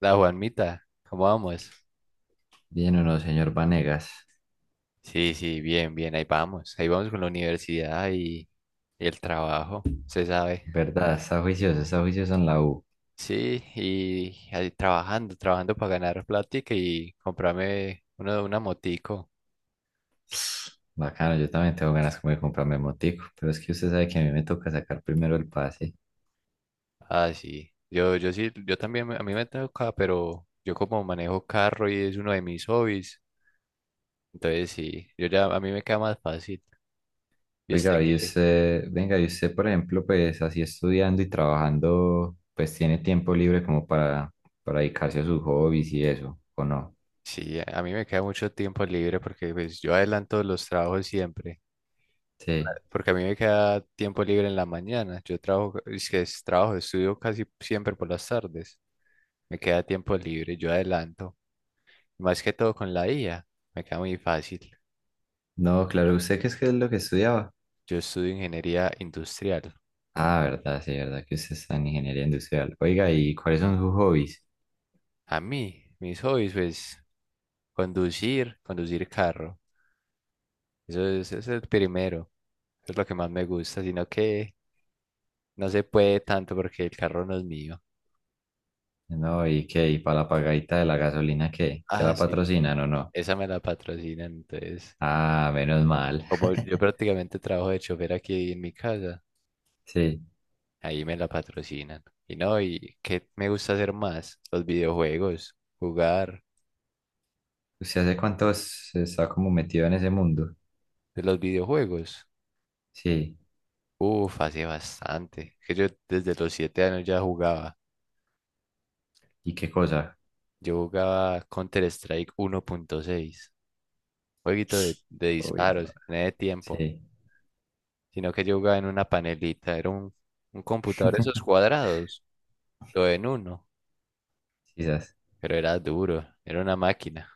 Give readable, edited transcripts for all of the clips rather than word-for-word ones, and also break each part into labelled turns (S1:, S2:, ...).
S1: La Juanmita, ¿cómo vamos?
S2: Bien o no, señor Vanegas.
S1: Sí, sí, bien, bien, ahí vamos. Ahí vamos con la universidad y el trabajo, se sabe.
S2: ¿Verdad? Está juicioso en la U.
S1: Sí, y ahí trabajando, trabajando para ganar plática y comprarme una motico.
S2: Bacano, yo también tengo ganas como de comprarme motico, pero es que usted sabe que a mí me toca sacar primero el pase.
S1: Ah, sí. Yo sí, yo también, a mí me toca, pero yo como manejo carro y es uno de mis hobbies, entonces sí, yo ya, a mí me queda más fácil. ¿Y usted
S2: Oiga, y
S1: qué?
S2: usted, venga, y usted, por ejemplo, pues así estudiando y trabajando, pues tiene tiempo libre como para dedicarse a sus hobbies y eso, ¿o no?
S1: Sí, a mí me queda mucho tiempo libre porque pues yo adelanto los trabajos siempre.
S2: Sí.
S1: Porque a mí me queda tiempo libre en la mañana. Yo trabajo, es que es trabajo, estudio casi siempre por las tardes. Me queda tiempo libre, yo adelanto. Más que todo con la IA, me queda muy fácil.
S2: No, claro, ¿usted qué es lo que estudiaba?
S1: Yo estudio ingeniería industrial.
S2: Ah, verdad, sí, verdad que usted está en ingeniería industrial. Oiga, ¿y cuáles son sus hobbies?
S1: A mí, mis hobbies, pues, conducir, conducir carro. Eso es el primero. Es lo que más me gusta, sino que no se puede tanto porque el carro no es mío.
S2: No, ¿y qué? ¿Y para la pagadita de la gasolina qué? ¿Se
S1: Ah,
S2: la
S1: sí,
S2: patrocinan o no?
S1: esa me la patrocinan, entonces.
S2: Ah, menos mal.
S1: Como yo prácticamente trabajo de chofer aquí en mi casa,
S2: Sí.
S1: ahí me la patrocinan. Y no, ¿y qué me gusta hacer más? Los videojuegos, jugar
S2: ¿Usted hace cuánto se está como metido en ese mundo?
S1: de los videojuegos.
S2: Sí.
S1: Uf, hace bastante. Que yo desde los 7 años ya jugaba.
S2: ¿Y qué cosa?
S1: Yo jugaba Counter-Strike 1.6, jueguito de
S2: Uy, no.
S1: disparos, en ese tiempo.
S2: Sí.
S1: Sino que yo jugaba en una panelita, era un computador de esos cuadrados, todo en uno,
S2: Quizás.
S1: pero era duro, era una máquina.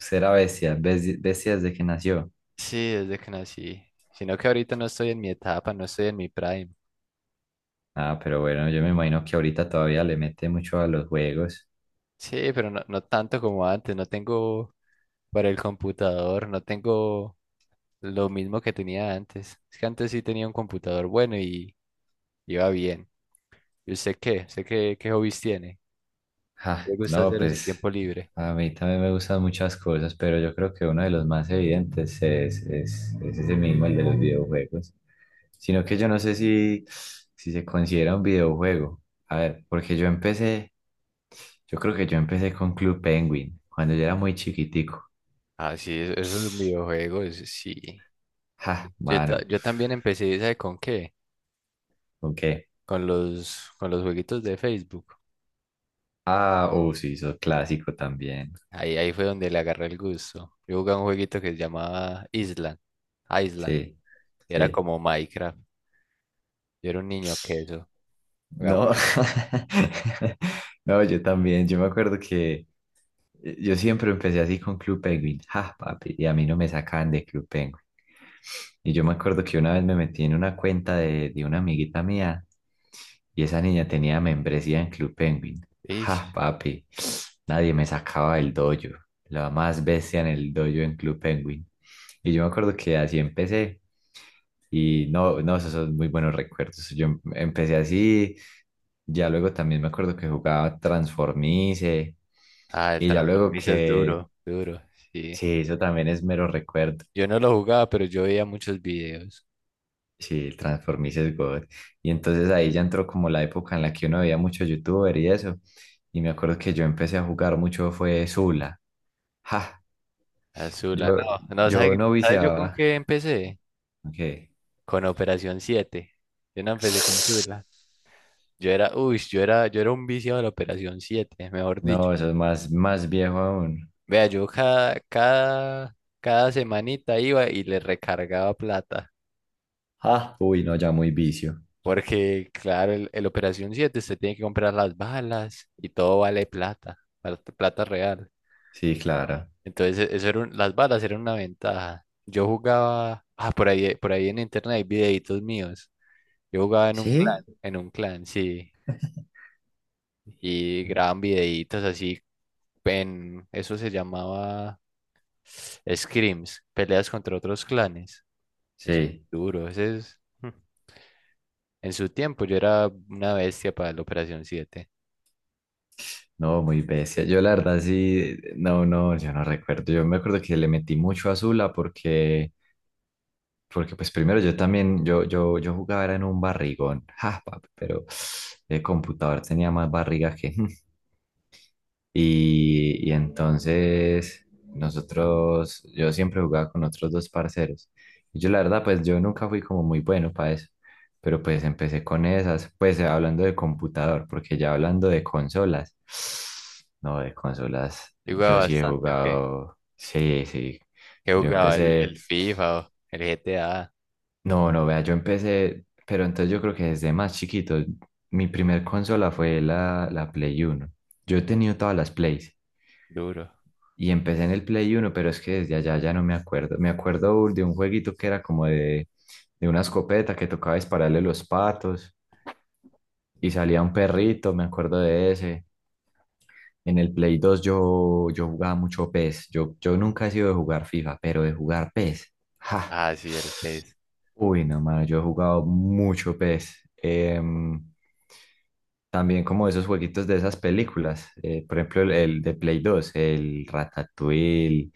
S2: Usted era bestia, bestia desde que nació.
S1: Sí, desde que nací. Sino que ahorita no estoy en mi etapa, no estoy en mi prime.
S2: Ah, pero bueno, yo me imagino que ahorita todavía le mete mucho a los juegos.
S1: Sí, pero no, no tanto como antes. No tengo para el computador, no tengo lo mismo que tenía antes. Es que antes sí tenía un computador bueno y iba bien. ¿Y usted qué? ¿Usted qué hobbies tiene? ¿Qué
S2: Ja,
S1: le gusta
S2: no,
S1: hacer en su
S2: pues
S1: tiempo libre?
S2: a mí también me gustan muchas cosas, pero yo creo que uno de los más evidentes es ese mismo, el de los videojuegos. Sino que yo no sé si se considera un videojuego. A ver, porque yo creo que yo empecé con Club Penguin, cuando yo era muy chiquitico.
S1: Ah, sí, eso es un videojuego, eso sí.
S2: Ja,
S1: Yo, ta-
S2: mano,
S1: yo también empecé, ¿sabe con qué?
S2: ¿con qué?
S1: Con los jueguitos de Facebook.
S2: Ah, oh, sí, eso clásico también.
S1: Ahí fue donde le agarré el gusto. Yo jugaba un jueguito que se llamaba Island. Island.
S2: Sí,
S1: Y era
S2: sí.
S1: como Minecraft. Yo era un niño que eso. Jugaba
S2: No,
S1: mucho.
S2: no, yo también, yo me acuerdo que yo siempre empecé así con Club Penguin, ja, papi, y a mí no me sacaban de Club Penguin. Y yo me acuerdo que una vez me metí en una cuenta de una amiguita mía y esa niña tenía membresía en Club Penguin. Ja,
S1: Ish.
S2: papi, nadie me sacaba del dojo, la más bestia en el dojo en Club Penguin. Y yo me acuerdo que así empecé y no, no, esos son muy buenos recuerdos. Yo empecé así, ya luego también me acuerdo que jugaba Transformice
S1: Ah, el
S2: y ya luego
S1: Transformice es
S2: que
S1: duro, duro. Sí.
S2: sí, eso también es mero recuerdo.
S1: Yo no lo jugaba, pero yo veía muchos videos.
S2: Sí, el Transformice es God. Y entonces ahí ya entró como la época en la que uno veía mucho youtuber y eso. Y me acuerdo que yo empecé a jugar mucho fue Zula. Ja,
S1: Azula,
S2: yo,
S1: no. No,
S2: yo
S1: ¿sabes
S2: no
S1: sabe yo con
S2: viciaba.
S1: qué empecé?
S2: Ok.
S1: Con Operación Siete. Yo no empecé con Zula. Yo era, uy, yo era un viciado de la Operación Siete, mejor dicho.
S2: No, eso es más, más viejo aún.
S1: Vea, yo cada semanita iba y le recargaba plata.
S2: Ah, uy, no, ya muy vicio.
S1: Porque, claro, el Operación siete usted tiene que comprar las balas y todo vale plata real.
S2: Sí, claro.
S1: Entonces, eso era las balas eran una ventaja. Yo jugaba, ah, por ahí en internet hay videitos míos. Yo jugaba
S2: ¿Sí?
S1: en un clan, sí. Y graban videitos así, eso se llamaba scrims, peleas contra otros clanes. Eso es
S2: Sí.
S1: duro. Ese es, en su tiempo yo era una bestia para la Operación siete.
S2: No, muy bestia. Yo la verdad sí, no, no, yo no recuerdo. Yo me acuerdo que le metí mucho a Zula porque pues primero yo también, yo jugaba era en un barrigón, ja, papi, pero el computador tenía más barriga que… Y entonces nosotros, yo siempre jugaba con otros dos parceros. Y yo la verdad, pues yo nunca fui como muy bueno para eso, pero pues empecé con esas, pues hablando de computador, porque ya hablando de consolas, no, de consolas,
S1: Yo jugaba
S2: yo sí he
S1: bastante, ¿ok? ¿Qué
S2: jugado, sí, sí,
S1: Ah,
S2: yo
S1: jugaba? El
S2: empecé,
S1: FIFA o el GTA.
S2: no, no, vea, yo empecé, pero entonces yo creo que desde más chiquito, mi primer consola fue la Play 1. Yo he tenido todas las Plays.
S1: Duro.
S2: Y empecé en el Play 1, pero es que desde allá ya no me acuerdo. Me acuerdo de un jueguito que era como de una escopeta que tocaba dispararle los patos y salía un perrito, me acuerdo de ese. En el Play 2 yo jugaba mucho PES. Yo nunca he sido de jugar FIFA, pero de jugar PES. ¡Ja!
S1: Ah, sí, el PES.
S2: Uy, no, mano, yo he jugado mucho PES. También como esos jueguitos de esas películas, por ejemplo, el de Play 2 el Ratatouille.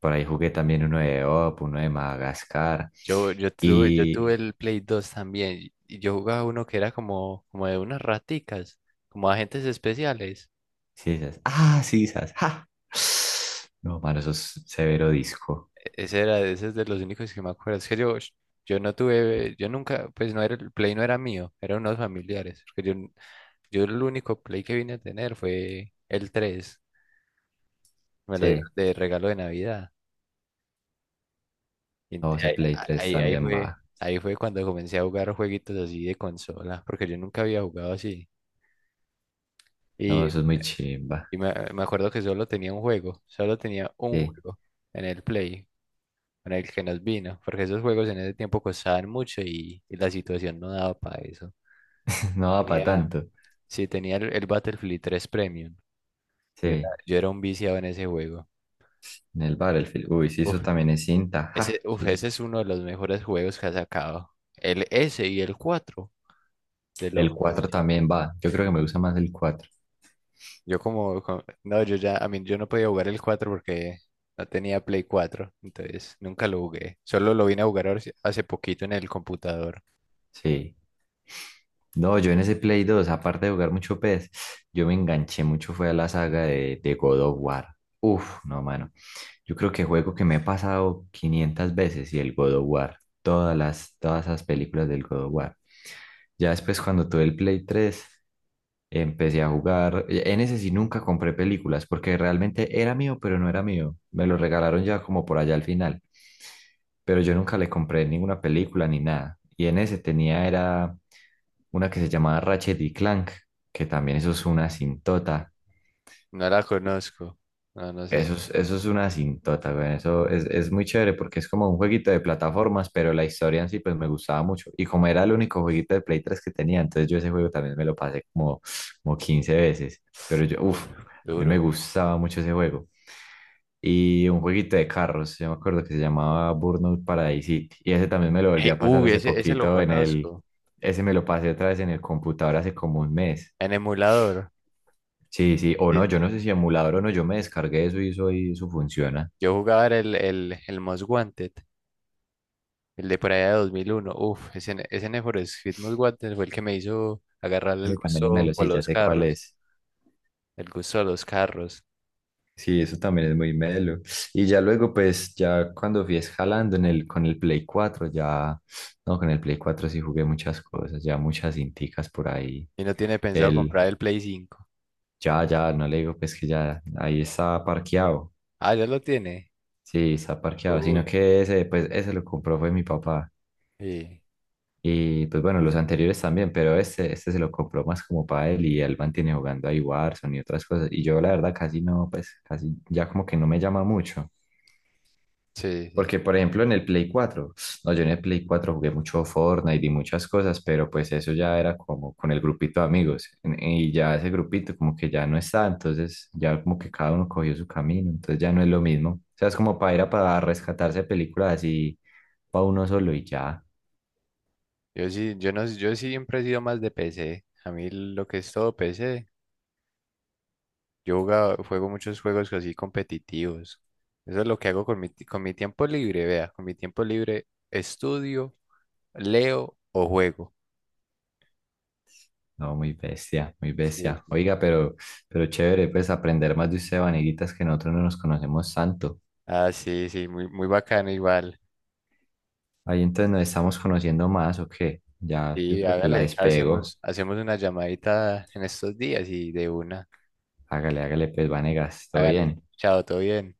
S2: Por ahí jugué también uno de Madagascar.
S1: Yo tuve
S2: Y.
S1: el Play 2 también. Y yo jugaba uno que era como de unas raticas, como agentes especiales.
S2: Sí, esas. Ah, sí, esas. ¡Ja! No, mano, eso es severo disco.
S1: Ese era, ese es de los únicos que me acuerdo. Es que yo no tuve, yo nunca, pues no era, el Play no era mío, eran unos familiares. Porque yo el único Play que vine a tener fue el tres. Me lo dieron
S2: Sí.
S1: de regalo de Navidad. Y ent-
S2: No, ese Play 3
S1: ahí, ahí, ahí
S2: también va.
S1: fue, ahí fue cuando comencé a jugar jueguitos así de consola, porque yo nunca había jugado así.
S2: No,
S1: Y,
S2: eso es muy chimba.
S1: y me acuerdo que solo tenía un juego, solo tenía un
S2: Sí.
S1: juego en el Play, con el que nos vino, porque esos juegos en ese tiempo costaban mucho y la situación no daba para eso.
S2: No va para
S1: Tenía,
S2: tanto.
S1: sí, tenía el Battlefield 3 Premium. Yo era,
S2: Sí.
S1: yo era un viciado en ese juego.
S2: En el Battlefield. Uy, sí,
S1: Uf,
S2: eso también es cinta. ¡Ja!
S1: ese, uf, ese es uno de los mejores juegos que ha sacado. El S y el 4 de lo
S2: El
S1: mejor,
S2: cuatro
S1: sí.
S2: también va. Yo creo que me gusta más el cuatro.
S1: No, yo ya, a mí, yo no podía jugar el 4 porque no tenía Play 4 entonces nunca lo jugué. Solo lo vine a jugar sí, hace poquito en el computador.
S2: Sí. No, yo en ese Play 2 aparte de jugar mucho PES, yo me enganché mucho, fue a la saga de God of War. Uf, no, mano. Yo creo que juego que me he pasado 500 veces y el God of War, todas esas películas del God of War. Ya después cuando tuve el Play 3, empecé a jugar, en ese sí nunca compré películas porque realmente era mío, pero no era mío. Me lo regalaron ya como por allá al final, pero yo nunca le compré ninguna película ni nada. Y en ese tenía era una que se llamaba Ratchet y Clank, que también eso es una sintota.
S1: No la conozco. No, no sé.
S2: Eso es una cintota, güey. Eso es muy chévere porque es como un jueguito de plataformas, pero la historia en sí pues me gustaba mucho. Y como era el único jueguito de Play 3 que tenía, entonces yo ese juego también me lo pasé como 15 veces. Pero yo,
S1: Uf,
S2: uff, a mí me
S1: duro.
S2: gustaba mucho ese juego. Y un jueguito de carros, yo me acuerdo que se llamaba Burnout Paradise City. Y ese también me lo volví
S1: Hey,
S2: a pasar
S1: uy,
S2: hace
S1: ese lo
S2: poquito en el…
S1: conozco.
S2: Ese me lo pasé otra vez en el computador hace como un mes.
S1: En emulador.
S2: Sí, sí, o no,
S1: Sí.
S2: yo no sé si emulador o no, yo me descargué eso y eso, y eso funciona.
S1: Yo jugaba era el Most Wanted, el de por allá de 2001. Uf, ese Need for Speed Most Wanted fue el que me hizo agarrarle el
S2: Ese también es
S1: gusto
S2: melo,
S1: por
S2: sí, ya
S1: los
S2: sé cuál
S1: carros,
S2: es.
S1: el gusto de los carros.
S2: Sí, eso también es muy melo. Y ya luego, pues, ya cuando fui escalando en con el Play 4 ya, no, con el Play 4 sí jugué muchas cosas, ya muchas cinticas por ahí.
S1: Y no tiene pensado comprar
S2: El,
S1: el Play 5.
S2: ya, ya, no le digo, pues, que ya, ahí está parqueado.
S1: Ah, ya lo tiene.
S2: Sí, está parqueado, sino
S1: Uy.
S2: que ese, pues, ese lo compró fue mi papá.
S1: Sí,
S2: Y pues bueno, los anteriores también, pero este se lo compró más como para él y él mantiene jugando ahí Warzone y otras cosas. Y yo la verdad casi no, pues casi ya como que no me llama mucho.
S1: sí, sí.
S2: Porque por ejemplo en el Play 4 no, yo en el Play 4 jugué mucho Fortnite y muchas cosas, pero pues eso ya era como con el grupito de amigos. Y ya ese grupito como que ya no está, entonces ya como que cada uno cogió su camino, entonces ya no es lo mismo. O sea, es como para ir a para rescatarse películas así para uno solo y ya.
S1: Yo sí, yo no, yo siempre he sido más de PC. A mí lo que es todo PC, yo juego muchos juegos así competitivos. Eso es lo que hago con mi tiempo libre, vea, con mi tiempo libre estudio, leo o juego.
S2: No, muy bestia, muy
S1: Sí,
S2: bestia.
S1: sí.
S2: Oiga, pero chévere, pues aprender más de usted, Vaneguitas, que nosotros no nos conocemos tanto.
S1: Ah, sí, sí, muy, muy bacano igual.
S2: Ahí entonces nos estamos conociendo más, ¿o qué? Ya, yo
S1: Sí,
S2: creo que la
S1: hágale,
S2: despego.
S1: hacemos una llamadita en estos días y de una,
S2: Hágale, hágale, pues, Vanegas, todo
S1: hágale.
S2: bien.
S1: Chao, todo bien.